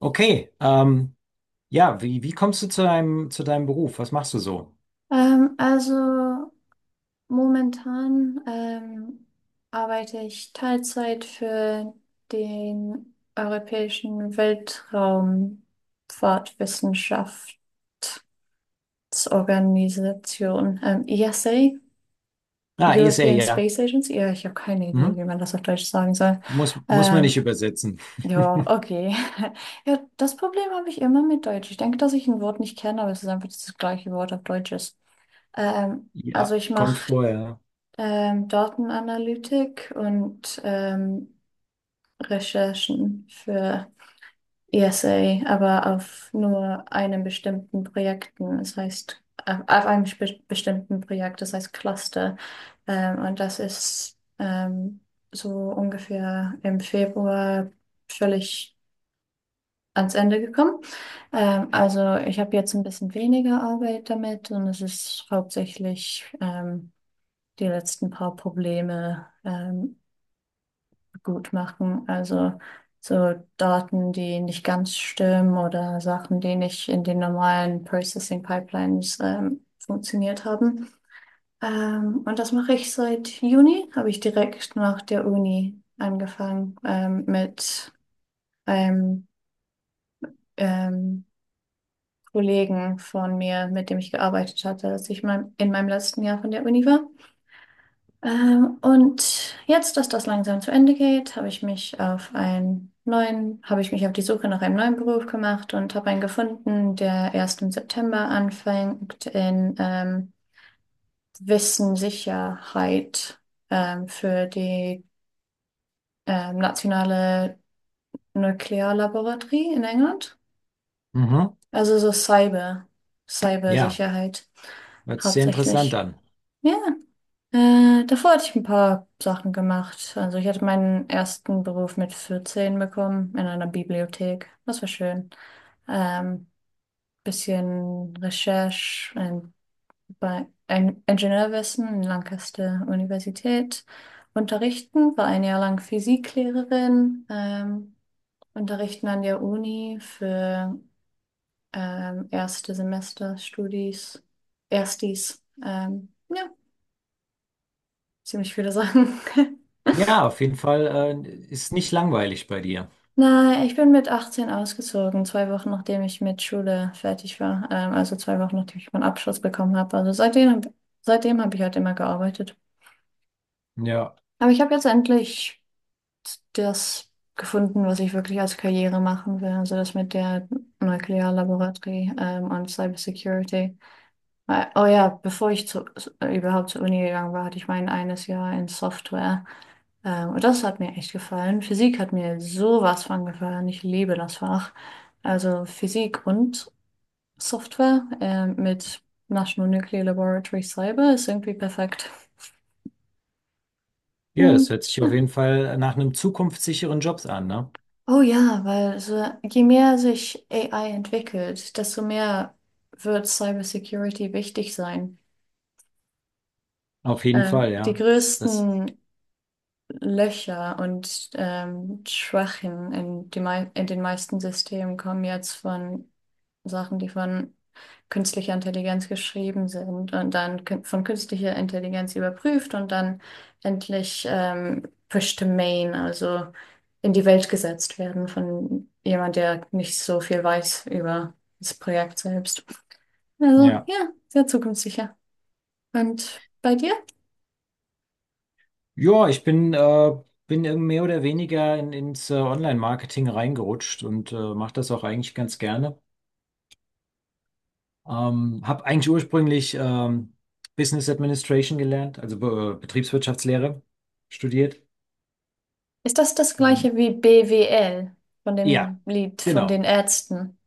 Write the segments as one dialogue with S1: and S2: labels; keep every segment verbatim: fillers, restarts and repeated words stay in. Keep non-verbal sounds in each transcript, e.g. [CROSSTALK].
S1: Okay, ähm, ja, wie, wie kommst du zu deinem, zu deinem Beruf? Was machst du so?
S2: Ähm, also momentan ähm, arbeite ich Teilzeit für den Europäischen Weltraumfahrtwissenschaftsorganisation, ähm, ESA,
S1: Ah, E S L,
S2: European
S1: ja.
S2: Space Agency. Ja, ich habe keine Idee, wie
S1: Mhm.
S2: man das auf Deutsch sagen soll.
S1: Muss, muss man nicht
S2: Ähm,
S1: übersetzen.
S2: ja,
S1: [LAUGHS]
S2: okay. [LAUGHS] Ja, das Problem habe ich immer mit Deutsch. Ich denke, dass ich ein Wort nicht kenne, aber es ist einfach das gleiche Wort auf Deutsch ist. Ähm,
S1: Ja,
S2: also ich
S1: kommt
S2: mache
S1: vorher.
S2: ähm, Datenanalytik und ähm, Recherchen für ESA, aber auf nur einem bestimmten Projekten. Das heißt, auf auf einem spe- bestimmten Projekt, das heißt Cluster. Ähm, und das ist ähm, so ungefähr im Februar völlig ans Ende gekommen. Ähm, also ich habe jetzt ein bisschen weniger Arbeit damit und es ist hauptsächlich ähm, die letzten paar Probleme. Ähm, gut machen. Also so Daten, die nicht ganz stimmen oder Sachen, die nicht in den normalen Processing Pipelines ähm, funktioniert haben. Ähm, und das mache ich seit Juni, habe ich direkt nach der Uni angefangen ähm, mit einem ähm, Kollegen von mir, mit dem ich gearbeitet hatte, als ich mein, in meinem letzten Jahr von der Uni war. Ähm, und jetzt, dass das langsam zu Ende geht, habe ich mich auf einen neuen, habe ich mich auf die Suche nach einem neuen Beruf gemacht und habe einen gefunden, der erst im September anfängt in ähm, Wissenssicherheit ähm, für die ähm, nationale Nuklearlaboratorie in England.
S1: Mhm.
S2: Also so Cyber,
S1: Ja,
S2: Cybersicherheit
S1: hört sich sehr interessant
S2: hauptsächlich.
S1: an.
S2: Ja. Äh, davor hatte ich ein paar Sachen gemacht. Also ich hatte meinen ersten Beruf mit vierzehn bekommen in einer Bibliothek. Das war schön. Ähm, Bisschen Recherche in, bei Eng- Ingenieurwissen in Lancaster Universität. Unterrichten, war ein Jahr lang Physiklehrerin. Ähm, unterrichten an der Uni für ähm, erste Semester Studis, Erstis. Ähm, ja, ziemlich viele Sachen. [LAUGHS]
S1: Ja, auf jeden Fall, äh, ist nicht langweilig bei dir.
S2: Nein, ich bin mit achtzehn ausgezogen, zwei Wochen nachdem ich mit Schule fertig war. Ähm, also zwei Wochen nachdem ich meinen Abschluss bekommen habe. Also seitdem, hab- seitdem habe ich halt immer gearbeitet.
S1: Ja.
S2: Aber ich habe jetzt endlich das gefunden, was ich wirklich als Karriere machen will. Also das mit der Nuklearlaboratorie ähm, und Cybersecurity. Weil, oh ja, bevor ich zu, überhaupt zur Uni gegangen war, hatte ich mein eines Jahr in Software. Ähm, und das hat mir echt gefallen. Physik hat mir sowas von gefallen. Ich liebe das Fach. Also Physik und Software ähm, mit National Nuclear Laboratory Cyber ist irgendwie perfekt.
S1: Ja, das
S2: Ähm,
S1: hört sich auf
S2: ja.
S1: jeden Fall nach einem zukunftssicheren Job an, ne?
S2: Oh ja, weil so, je mehr sich A I entwickelt, desto mehr wird Cybersecurity wichtig sein.
S1: Auf jeden Fall,
S2: Ähm, die
S1: ja. Das,
S2: größten Löcher und ähm, Schwachen in, die mei- in den meisten Systemen kommen jetzt von Sachen, die von künstlicher Intelligenz geschrieben sind und dann kün- von künstlicher Intelligenz überprüft und dann endlich ähm, pushed to main, also in die Welt gesetzt werden von jemand, der nicht so viel weiß über das Projekt selbst. Also
S1: ja.
S2: ja, sehr zukunftssicher. Und bei dir?
S1: Ja, ich bin, äh, bin irgendwie mehr oder weniger in, ins äh, Online-Marketing reingerutscht und äh, mache das auch eigentlich ganz gerne. Ähm, habe eigentlich ursprünglich ähm, Business Administration gelernt, also Be Betriebswirtschaftslehre studiert.
S2: Ist das das
S1: Und,
S2: gleiche wie B W L von
S1: ja,
S2: dem Lied von
S1: genau,
S2: den Ärzten?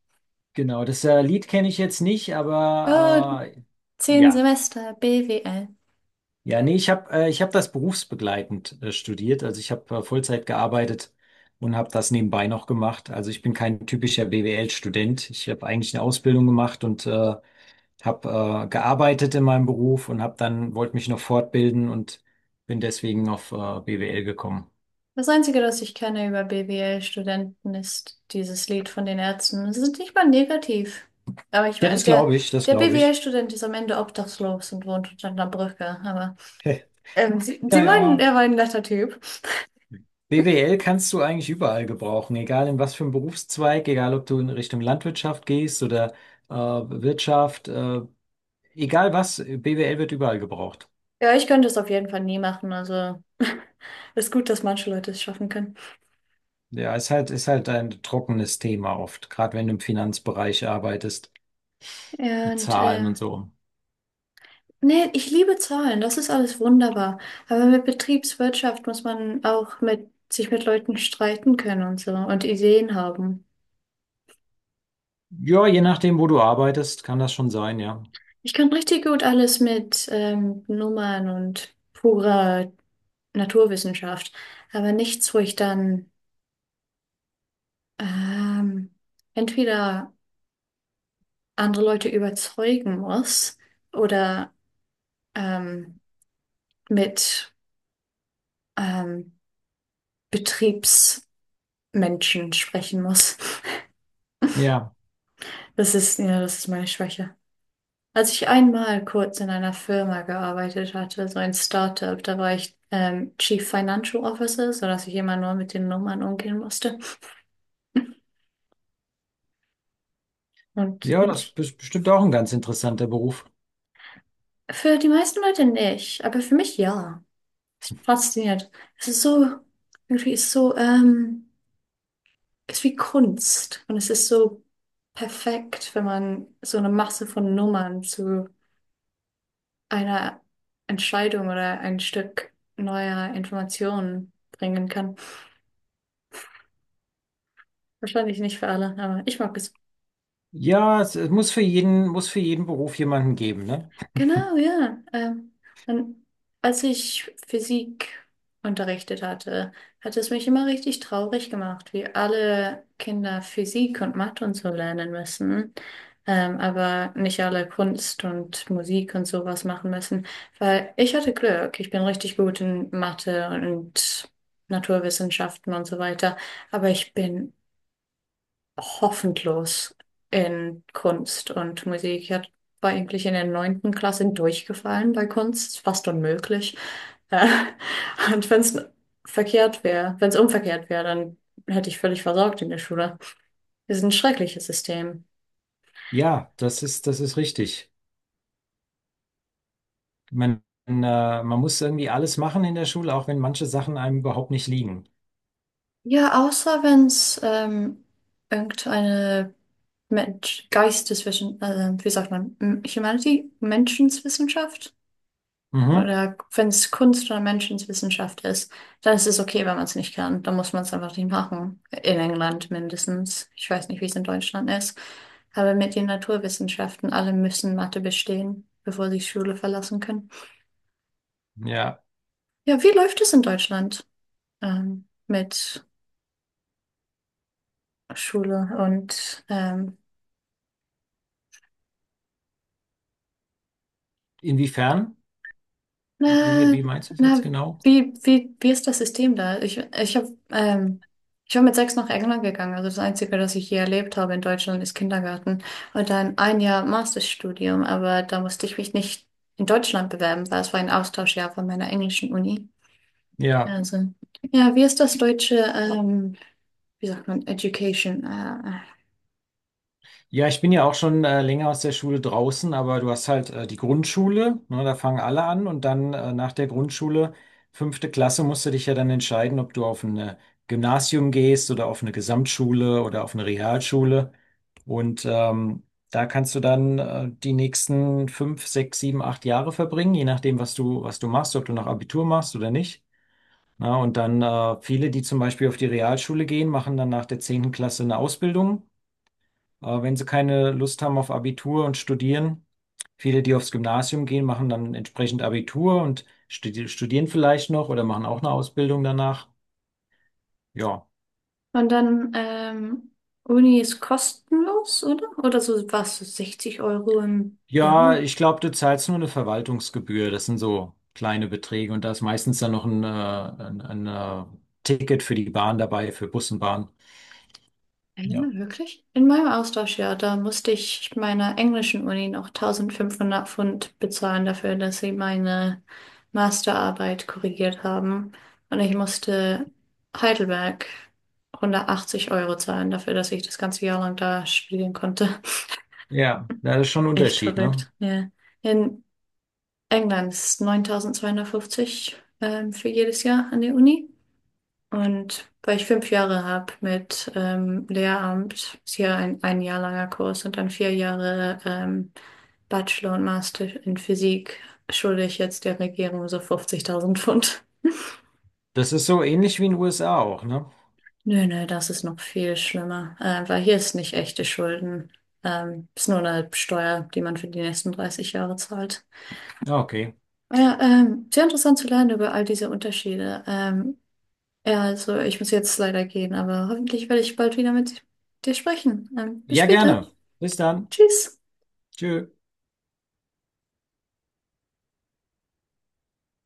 S1: genau. Das äh, Lied kenne ich jetzt nicht,
S2: Oh,
S1: aber äh,
S2: zehn
S1: ja.
S2: Semester B W L.
S1: Ja, nee, ich habe äh, ich hab das berufsbegleitend äh, studiert. Also ich habe äh, Vollzeit gearbeitet und habe das nebenbei noch gemacht. Also ich bin kein typischer B W L-Student. Ich habe eigentlich eine Ausbildung gemacht und äh, habe äh, gearbeitet in meinem Beruf und habe dann wollte mich noch fortbilden und bin deswegen auf äh, B W L gekommen.
S2: Das Einzige, das ich kenne über B W L-Studenten, ist dieses Lied von den Ärzten. Sie sind nicht mal negativ. Aber ich
S1: Ja,
S2: meine,
S1: das
S2: der,
S1: glaube ich, das
S2: der
S1: glaube ich.
S2: B W L-Student ist am Ende obdachlos und wohnt unter einer Brücke. Aber
S1: [LAUGHS]
S2: ähm, sie, sie
S1: Ja,
S2: meinen,
S1: ja.
S2: er war ein netter Typ. [LAUGHS]
S1: B W L kannst du eigentlich überall gebrauchen, egal in was für einem Berufszweig, egal ob du in Richtung Landwirtschaft gehst oder äh, Wirtschaft. Äh, Egal was, B W L wird überall gebraucht.
S2: Ja, ich könnte es auf jeden Fall nie machen. Also [LAUGHS] ist gut, dass manche Leute es schaffen können.
S1: Ja, ist halt, ist halt ein trockenes Thema oft, gerade wenn du im Finanzbereich arbeitest,
S2: Ja,
S1: mit
S2: Und
S1: Zahlen
S2: äh,
S1: und so.
S2: Nee, ich liebe Zahlen, das ist alles wunderbar. Aber mit Betriebswirtschaft muss man auch mit, sich mit Leuten streiten können und so und Ideen haben.
S1: Ja, je nachdem, wo du arbeitest, kann das schon sein, ja.
S2: Ich kann richtig gut alles mit ähm, Nummern und purer Naturwissenschaft, aber nichts, wo ich dann ähm, entweder andere Leute überzeugen muss oder ähm, mit ähm, Betriebsmenschen sprechen muss. [LAUGHS]
S1: Ja,
S2: Das ist, ja, das ist meine Schwäche. Als ich einmal kurz in einer Firma gearbeitet hatte, so ein Startup, da war ich ähm, Chief Financial Officer, sodass ich immer nur mit den Nummern umgehen musste. Und
S1: ja, das
S2: ich,
S1: ist bestimmt auch ein ganz interessanter Beruf.
S2: für die meisten Leute nicht, aber für mich ja. Fasziniert. Es ist so, irgendwie ist so, ähm, ist wie Kunst. Und es ist so perfekt, wenn man so eine Masse von Nummern zu einer Entscheidung oder ein Stück neuer Informationen bringen kann. Wahrscheinlich nicht für alle, aber ich mag es.
S1: Ja, es, es muss für jeden, muss für jeden Beruf jemanden geben, ne?
S2: Genau, ja. Ähm, und als ich Physik unterrichtet hatte, hat es mich immer richtig traurig gemacht, wie alle Kinder Physik und Mathe und so lernen müssen, ähm, aber nicht alle Kunst und Musik und sowas machen müssen, weil ich hatte Glück. Ich bin richtig gut in Mathe und Naturwissenschaften und so weiter, aber ich bin hoffnungslos in Kunst und Musik. Ich hab- war eigentlich in der neunten Klasse durchgefallen bei Kunst, fast unmöglich. Äh, [LAUGHS] und wenn es verkehrt wäre, wenn es umverkehrt wäre, dann hätte ich völlig versagt in der Schule. Das ist ein schreckliches System.
S1: Ja, das ist, das ist richtig. Man, äh, Man muss irgendwie alles machen in der Schule, auch wenn manche Sachen einem überhaupt nicht liegen.
S2: Ja, außer wenn es ähm, irgendeine Mensch, Geisteswissenschaft, äh, wie sagt man, M- Humanity, Menschenswissenschaft.
S1: Mhm.
S2: Oder wenn es Kunst oder Menschenwissenschaft ist, dann ist es okay, wenn man es nicht kann. Dann muss man es einfach nicht machen. In England mindestens. Ich weiß nicht, wie es in Deutschland ist. Aber mit den Naturwissenschaften, alle müssen Mathe bestehen, bevor sie Schule verlassen können.
S1: Ja,
S2: Ja, wie läuft es in Deutschland ähm, mit Schule und ähm,
S1: inwiefern? Wie,
S2: Na,
S1: wie meinst du es
S2: na,
S1: jetzt genau?
S2: wie, wie, wie ist das System da? Ich, ich hab, ähm, ich war mit sechs nach England gegangen. Also das Einzige, das ich hier erlebt habe in Deutschland, ist Kindergarten. Und dann ein Jahr Masterstudium. Aber da musste ich mich nicht in Deutschland bewerben, weil es war ein Austauschjahr von meiner englischen Uni.
S1: Ja,
S2: Also, ja, wie ist das deutsche, ähm, wie sagt man, Education? Äh, äh.
S1: ja, ich bin ja auch schon äh, länger aus der Schule draußen, aber du hast halt äh, die Grundschule, ne, da fangen alle an und dann äh, nach der Grundschule, fünfte Klasse, musst du dich ja dann entscheiden, ob du auf ein Gymnasium gehst oder auf eine Gesamtschule oder auf eine Realschule. Und ähm, da kannst du dann äh, die nächsten fünf, sechs, sieben, acht Jahre verbringen, je nachdem, was du, was du machst, ob du noch Abitur machst oder nicht. Na, und dann äh, viele, die zum Beispiel auf die Realschule gehen, machen dann nach der zehnten Klasse eine Ausbildung Äh, Wenn sie keine Lust haben auf Abitur und studieren, viele, die aufs Gymnasium gehen, machen dann entsprechend Abitur und studi studieren vielleicht noch oder machen auch eine Ausbildung danach. Ja.
S2: Und dann, ähm, Uni ist kostenlos, oder? Oder so was, so sechzig Euro im
S1: Ja,
S2: Jahr.
S1: ich glaube, du zahlst nur eine Verwaltungsgebühr. Das sind so kleine Beträge und da ist meistens dann noch ein, äh, ein, ein äh, Ticket für die Bahn dabei, für Bus und Bahn.
S2: Ja,
S1: Ja.
S2: wirklich? In meinem Austauschjahr, da musste ich meiner englischen Uni noch tausendfünfhundert Pfund bezahlen dafür, dass sie meine Masterarbeit korrigiert haben. Und ich musste Heidelberg hundertachtzig Euro zahlen dafür, dass ich das ganze Jahr lang da studieren konnte.
S1: Ja, da ist schon ein
S2: [LAUGHS] Echt
S1: Unterschied, ne?
S2: verrückt. Ja. In England ist neuntausendzweihundertfünfzig ähm, für jedes Jahr an der Uni. Und weil ich fünf Jahre habe mit ähm, Lehramt, ist hier ein, ein Jahr langer Kurs und dann vier Jahre ähm, Bachelor und Master in Physik, schulde ich jetzt der Regierung so fünfzigtausend Pfund.
S1: Das ist so ähnlich wie in den U S A auch, ne?
S2: Nö, nö, das ist noch viel schlimmer, äh, weil hier ist nicht echte Schulden. Ähm, ist nur eine Steuer, die man für die nächsten dreißig Jahre zahlt.
S1: Ja, okay.
S2: Ja, ähm, sehr interessant zu lernen über all diese Unterschiede. Ähm, Ja, also ich muss jetzt leider gehen, aber hoffentlich werde ich bald wieder mit dir sprechen. Ähm, bis
S1: Ja,
S2: später.
S1: gerne. Bis dann.
S2: Tschüss.
S1: Tschö.